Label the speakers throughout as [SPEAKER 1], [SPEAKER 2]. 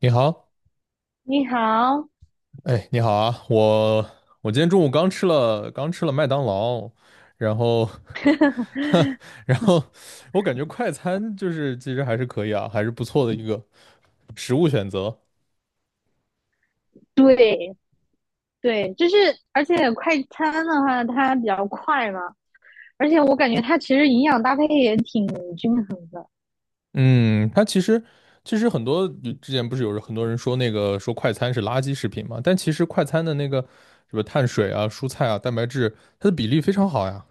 [SPEAKER 1] 你好，
[SPEAKER 2] 你好。
[SPEAKER 1] 哎，你好啊，我今天中午刚吃了麦当劳，然后 然后我感觉快餐其实还是可以啊，还是不错的一个食物选择。
[SPEAKER 2] 对对，就是而且快餐的话，它比较快嘛，而且我感觉它其实营养搭配也挺均衡的。
[SPEAKER 1] 嗯，它其实很多之前不是有人很多人说说快餐是垃圾食品嘛，但其实快餐的那个什么碳水啊、蔬菜啊、蛋白质，它的比例非常好呀。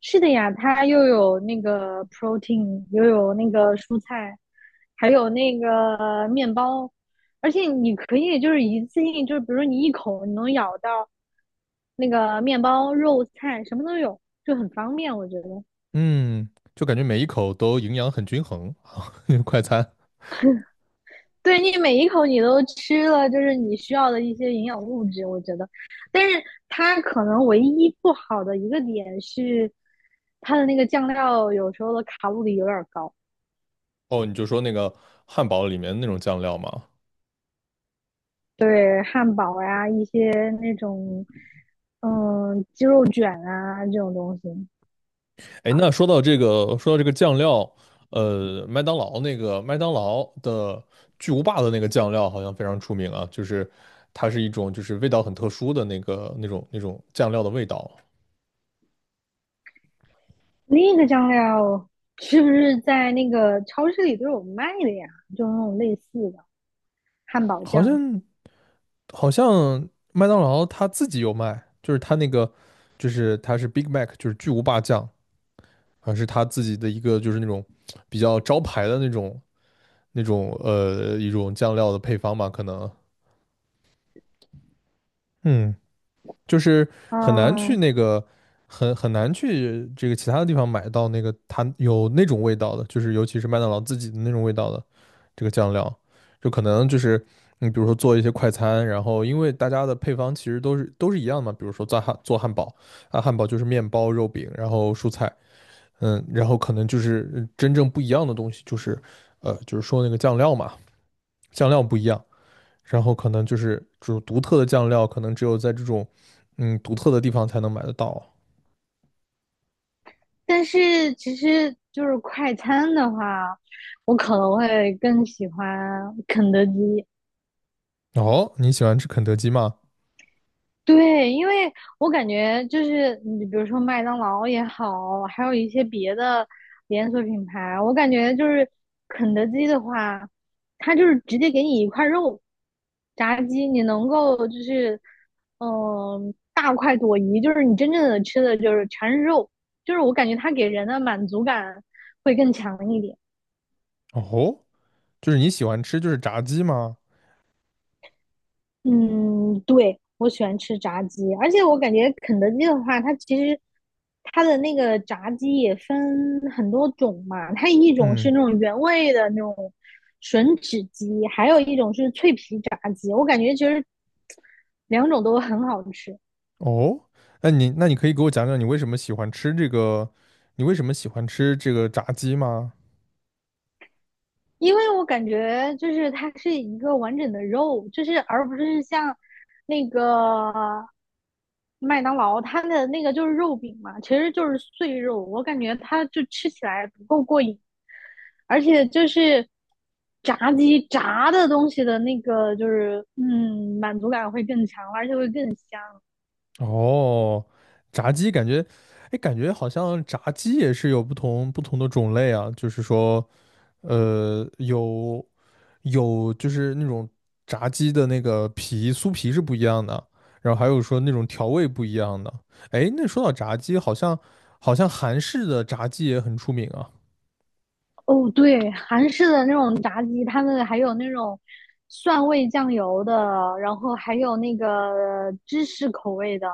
[SPEAKER 2] 是的呀，它又有那个 protein，又有那个蔬菜，还有那个面包，而且你可以就是一次性，就是比如说你一口你能咬到那个面包、肉菜，什么都有，就很方便，我觉得。
[SPEAKER 1] 嗯，就感觉每一口都营养很均衡，啊，快餐。
[SPEAKER 2] 对你每一口你都吃了，就是你需要的一些营养物质，我觉得。但是它可能唯一不好的一个点是，它的那个酱料有时候的卡路里有点高。
[SPEAKER 1] 哦，你就说那个汉堡里面那种酱料吗？
[SPEAKER 2] 对，汉堡呀、一些那种鸡肉卷啊这种东西，
[SPEAKER 1] 哎，那说到这个，说到这个酱料，麦当劳的巨无霸的那个酱料好像非常出名啊，就是它是一种就是味道很特殊的那种酱料的味道，
[SPEAKER 2] 那个酱料是不是在那个超市里都有卖的呀？就那种类似的汉堡
[SPEAKER 1] 好
[SPEAKER 2] 酱。
[SPEAKER 1] 像好像麦当劳它自己有卖，就是它那个就是它是 Big Mac，就是巨无霸酱，还是它自己的一个就是那种比较招牌的那种一种酱料的配方吧，可能。嗯。就是很难去
[SPEAKER 2] 嗯。
[SPEAKER 1] 那个，很难去这个其他的地方买到那个它有那种味道的，就是尤其是麦当劳自己的那种味道的这个酱料，就可能就是你比如说做一些快餐，然后因为大家的配方其实都是一样的嘛，比如说做汉堡啊，汉堡就是面包、肉饼，然后蔬菜，嗯，然后可能就是真正不一样的东西就是，呃，就是说那个酱料嘛，酱料不一样。然后可能就是这种独特的酱料，可能只有在这种独特的地方才能买得到。
[SPEAKER 2] 但是其实就是快餐的话，我可能会更喜欢肯德基。
[SPEAKER 1] 哦，你喜欢吃肯德基吗？
[SPEAKER 2] 对，因为我感觉就是你比如说麦当劳也好，还有一些别的连锁品牌，我感觉就是肯德基的话，它就是直接给你一块肉，炸鸡，你能够就是大快朵颐，就是你真正的吃的就是全是肉，就是我感觉它给人的满足感会更强一点。
[SPEAKER 1] 哦，就是你喜欢吃就是炸鸡吗？
[SPEAKER 2] 嗯，对，我喜欢吃炸鸡，而且我感觉肯德基的话，它其实它的那个炸鸡也分很多种嘛，它一种是
[SPEAKER 1] 嗯。
[SPEAKER 2] 那种原味的那种吮指鸡，还有一种是脆皮炸鸡，我感觉其实两种都很好吃。
[SPEAKER 1] 哦，那你可以给我讲讲你为什么喜欢吃这个，你为什么喜欢吃这个炸鸡吗？
[SPEAKER 2] 因为我感觉就是它是一个完整的肉，就是而不是像那个麦当劳它的那个就是肉饼嘛，其实就是碎肉，我感觉它就吃起来不够过瘾，而且就是炸鸡炸的东西的那个就是满足感会更强，而且会更香。
[SPEAKER 1] 哦，炸鸡感觉，哎，感觉好像炸鸡也是有不同的种类啊，就是说，呃，有就是那种炸鸡的那个皮酥皮是不一样的，然后还有说那种调味不一样的。哎，那说到炸鸡，好像韩式的炸鸡也很出名啊。
[SPEAKER 2] 哦，对，韩式的那种炸鸡，他们还有那种蒜味酱油的，然后还有那个芝士口味的，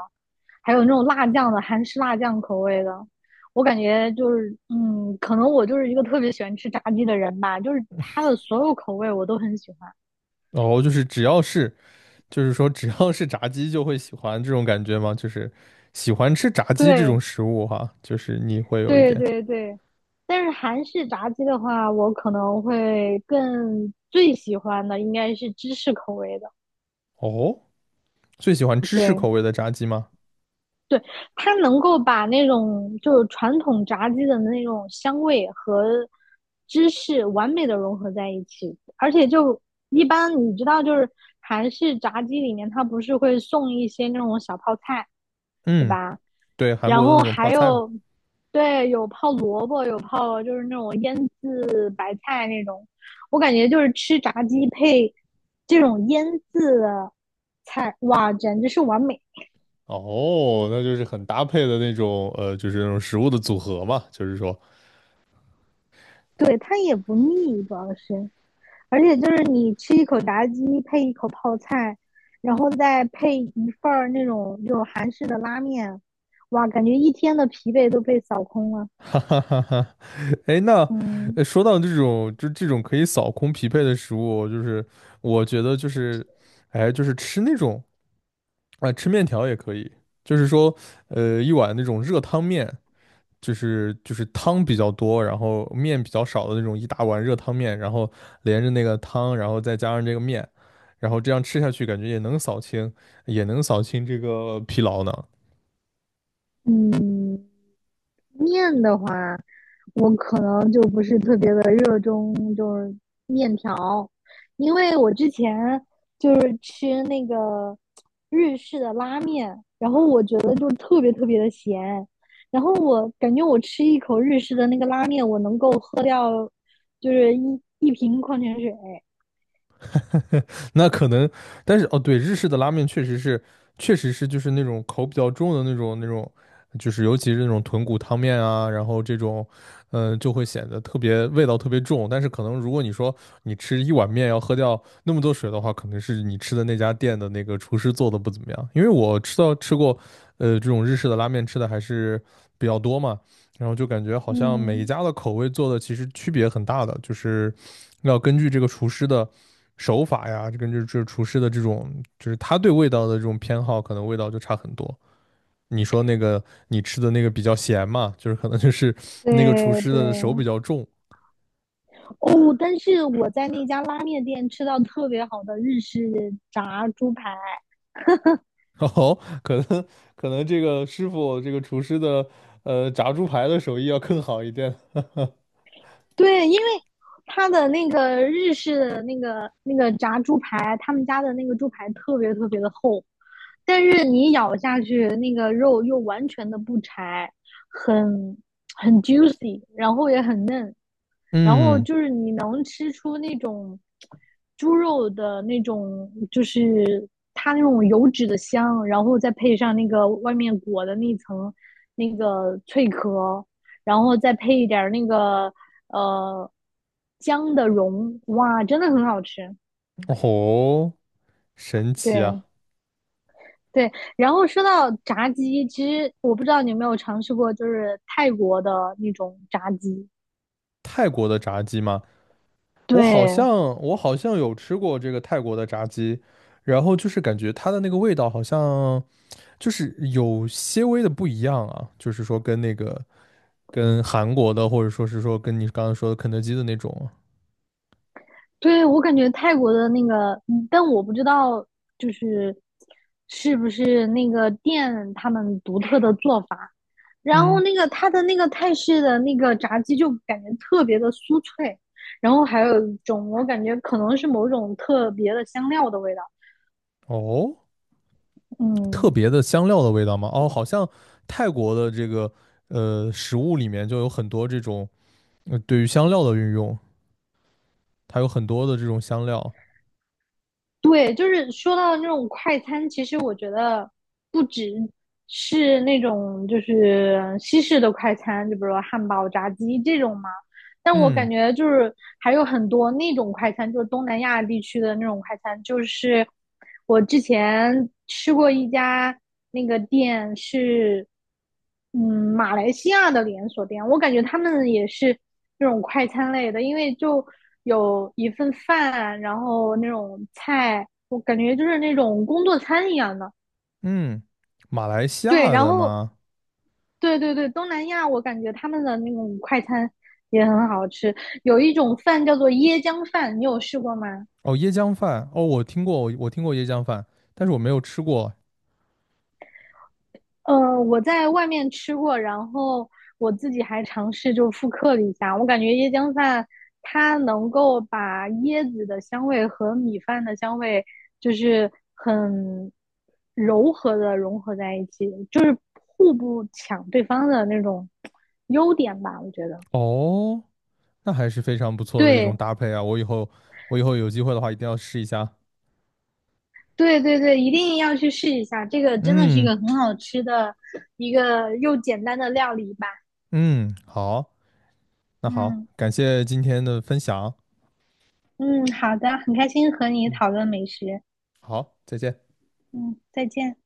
[SPEAKER 2] 还有那种辣酱的，韩式辣酱口味的。我感觉就是，嗯，可能我就是一个特别喜欢吃炸鸡的人吧，就是它的所有口味我都很喜欢。
[SPEAKER 1] 哦，就是只要是就是说只要是炸鸡就会喜欢这种感觉吗？就是喜欢吃炸鸡这
[SPEAKER 2] 对，
[SPEAKER 1] 种食物哈，就是你会有一
[SPEAKER 2] 对，
[SPEAKER 1] 点。
[SPEAKER 2] 对，对。但是韩式炸鸡的话，我可能会更最喜欢的应该是芝士口味的。
[SPEAKER 1] 哦，最喜欢芝士
[SPEAKER 2] 对。
[SPEAKER 1] 口味的炸鸡吗？
[SPEAKER 2] 对，它能够把那种就是传统炸鸡的那种香味和芝士完美的融合在一起，而且就一般你知道，就是韩式炸鸡里面它不是会送一些那种小泡菜，对
[SPEAKER 1] 嗯，
[SPEAKER 2] 吧？
[SPEAKER 1] 对，韩
[SPEAKER 2] 然
[SPEAKER 1] 国的
[SPEAKER 2] 后
[SPEAKER 1] 那种
[SPEAKER 2] 还
[SPEAKER 1] 泡菜嘛。
[SPEAKER 2] 有，对，有泡萝卜，有泡就是那种腌制白菜那种，我感觉就是吃炸鸡配这种腌制的菜，哇，简直是完美。
[SPEAKER 1] 哦，那就是很搭配的那种，呃，就是那种食物的组合嘛，就是说
[SPEAKER 2] 对，它也不腻，主要是。而且就是你吃一口炸鸡配一口泡菜，然后再配一份儿那种就韩式的拉面，哇，感觉一天的疲惫都被扫空了。
[SPEAKER 1] 哈哈哈哈，哎，那
[SPEAKER 2] 嗯。
[SPEAKER 1] 说到这种，就这种可以扫空疲惫的食物，就是我觉得就是，哎，就是吃那种啊、吃面条也可以，就是说，呃，一碗那种热汤面，就是汤比较多，然后面比较少的那种一大碗热汤面，然后连着那个汤，然后再加上这个面，然后这样吃下去，感觉也能扫清，也能扫清这个疲劳呢。
[SPEAKER 2] 嗯，面的话，我可能就不是特别的热衷，就是面条，因为我之前就是吃那个日式的拉面，然后我觉得就特别特别的咸，然后我感觉我吃一口日式的那个拉面，我能够喝掉就是一瓶矿泉水。
[SPEAKER 1] 那可能，但是哦，对，日式的拉面确实是，确实是就是那种口比较重的那种，就是尤其是那种豚骨汤面啊，然后这种，嗯、就会显得特别味道特别重。但是可能如果你说你吃一碗面要喝掉那么多水的话，可能是你吃的那家店的那个厨师做的不怎么样。因为我吃到吃过，呃，这种日式的拉面吃的还是比较多嘛，然后就感觉好像每一
[SPEAKER 2] 嗯。
[SPEAKER 1] 家的口味做的其实区别很大的，就是要根据这个厨师的。手法呀，这跟这厨师的这种，就是他对味道的这种偏好，可能味道就差很多。你说那个你吃的那个比较咸嘛，就是可能就是那个厨
[SPEAKER 2] 对
[SPEAKER 1] 师的手比
[SPEAKER 2] 对。
[SPEAKER 1] 较重，
[SPEAKER 2] 哦，但是我在那家拉面店吃到特别好的日式炸猪排。
[SPEAKER 1] 然后可能可能这个师傅这个厨师的炸猪排的手艺要更好一点。
[SPEAKER 2] 对，因为他的那个日式的那个炸猪排，他们家的那个猪排特别特别的厚，但是你咬下去，那个肉又完全的不柴，很很 juicy，然后也很嫩，然后
[SPEAKER 1] 嗯，
[SPEAKER 2] 就是你能吃出那种猪肉的那种，就是它那种油脂的香，然后再配上那个外面裹的那层那个脆壳，然后再配一点那个呃姜的蓉，哇，真的很好吃。
[SPEAKER 1] 哦，神奇
[SPEAKER 2] 对。
[SPEAKER 1] 啊！
[SPEAKER 2] 对，然后说到炸鸡，其实我不知道你有没有尝试过，就是泰国的那种炸鸡。
[SPEAKER 1] 泰国的炸鸡吗？我好像
[SPEAKER 2] 对。
[SPEAKER 1] 我好像有吃过这个泰国的炸鸡，然后就是感觉它的那个味道好像就是有些微的不一样啊，就是说跟那个跟韩国的，或者说是说跟你刚刚说的肯德基的那种啊，
[SPEAKER 2] 对，我感觉泰国的那个，嗯但我不知道就是是不是那个店他们独特的做法。然后
[SPEAKER 1] 嗯，
[SPEAKER 2] 那个它的那个泰式的那个炸鸡就感觉特别的酥脆，然后还有一种我感觉可能是某种特别的香料的味道。
[SPEAKER 1] 哦，特
[SPEAKER 2] 嗯，
[SPEAKER 1] 别的香料的味道吗？哦，好像泰国的这个食物里面就有很多这种对于香料的运用，它有很多的这种香料，
[SPEAKER 2] 对，就是说到那种快餐，其实我觉得不只是那种就是西式的快餐，就比如说汉堡、炸鸡这种嘛。但我感
[SPEAKER 1] 嗯
[SPEAKER 2] 觉就是还有很多那种快餐，就是东南亚地区的那种快餐，就是我之前吃过一家那个店是，嗯，马来西亚的连锁店，我感觉他们也是这种快餐类的，因为就有一份饭，然后那种菜，我感觉就是那种工作餐一样的。
[SPEAKER 1] 嗯，马来西
[SPEAKER 2] 对，
[SPEAKER 1] 亚
[SPEAKER 2] 然
[SPEAKER 1] 的
[SPEAKER 2] 后
[SPEAKER 1] 吗？
[SPEAKER 2] 对对对，东南亚我感觉他们的那种快餐也很好吃，有一种饭叫做椰浆饭，你有试过吗？
[SPEAKER 1] 哦，椰浆饭，哦，我听过，我听过椰浆饭，但是我没有吃过，
[SPEAKER 2] 呃，我在外面吃过，然后我自己还尝试就复刻了一下，我感觉椰浆饭它能够把椰子的香味和米饭的香味就是很柔和的融合在一起，就是互不抢对方的那种优点吧，我觉得。
[SPEAKER 1] 哦。那还是非常不错的一种
[SPEAKER 2] 对，
[SPEAKER 1] 搭配啊！我以后有机会的话，一定要试一下。
[SPEAKER 2] 对对对，一定要去试一下，这个真的是一
[SPEAKER 1] 嗯
[SPEAKER 2] 个很好吃的一个又简单的料理吧。
[SPEAKER 1] 嗯，好，那好，
[SPEAKER 2] 嗯。
[SPEAKER 1] 感谢今天的分享。
[SPEAKER 2] 嗯，好的，很开心和你
[SPEAKER 1] 嗯，
[SPEAKER 2] 讨论美食。
[SPEAKER 1] 好，再见。
[SPEAKER 2] 嗯，再见。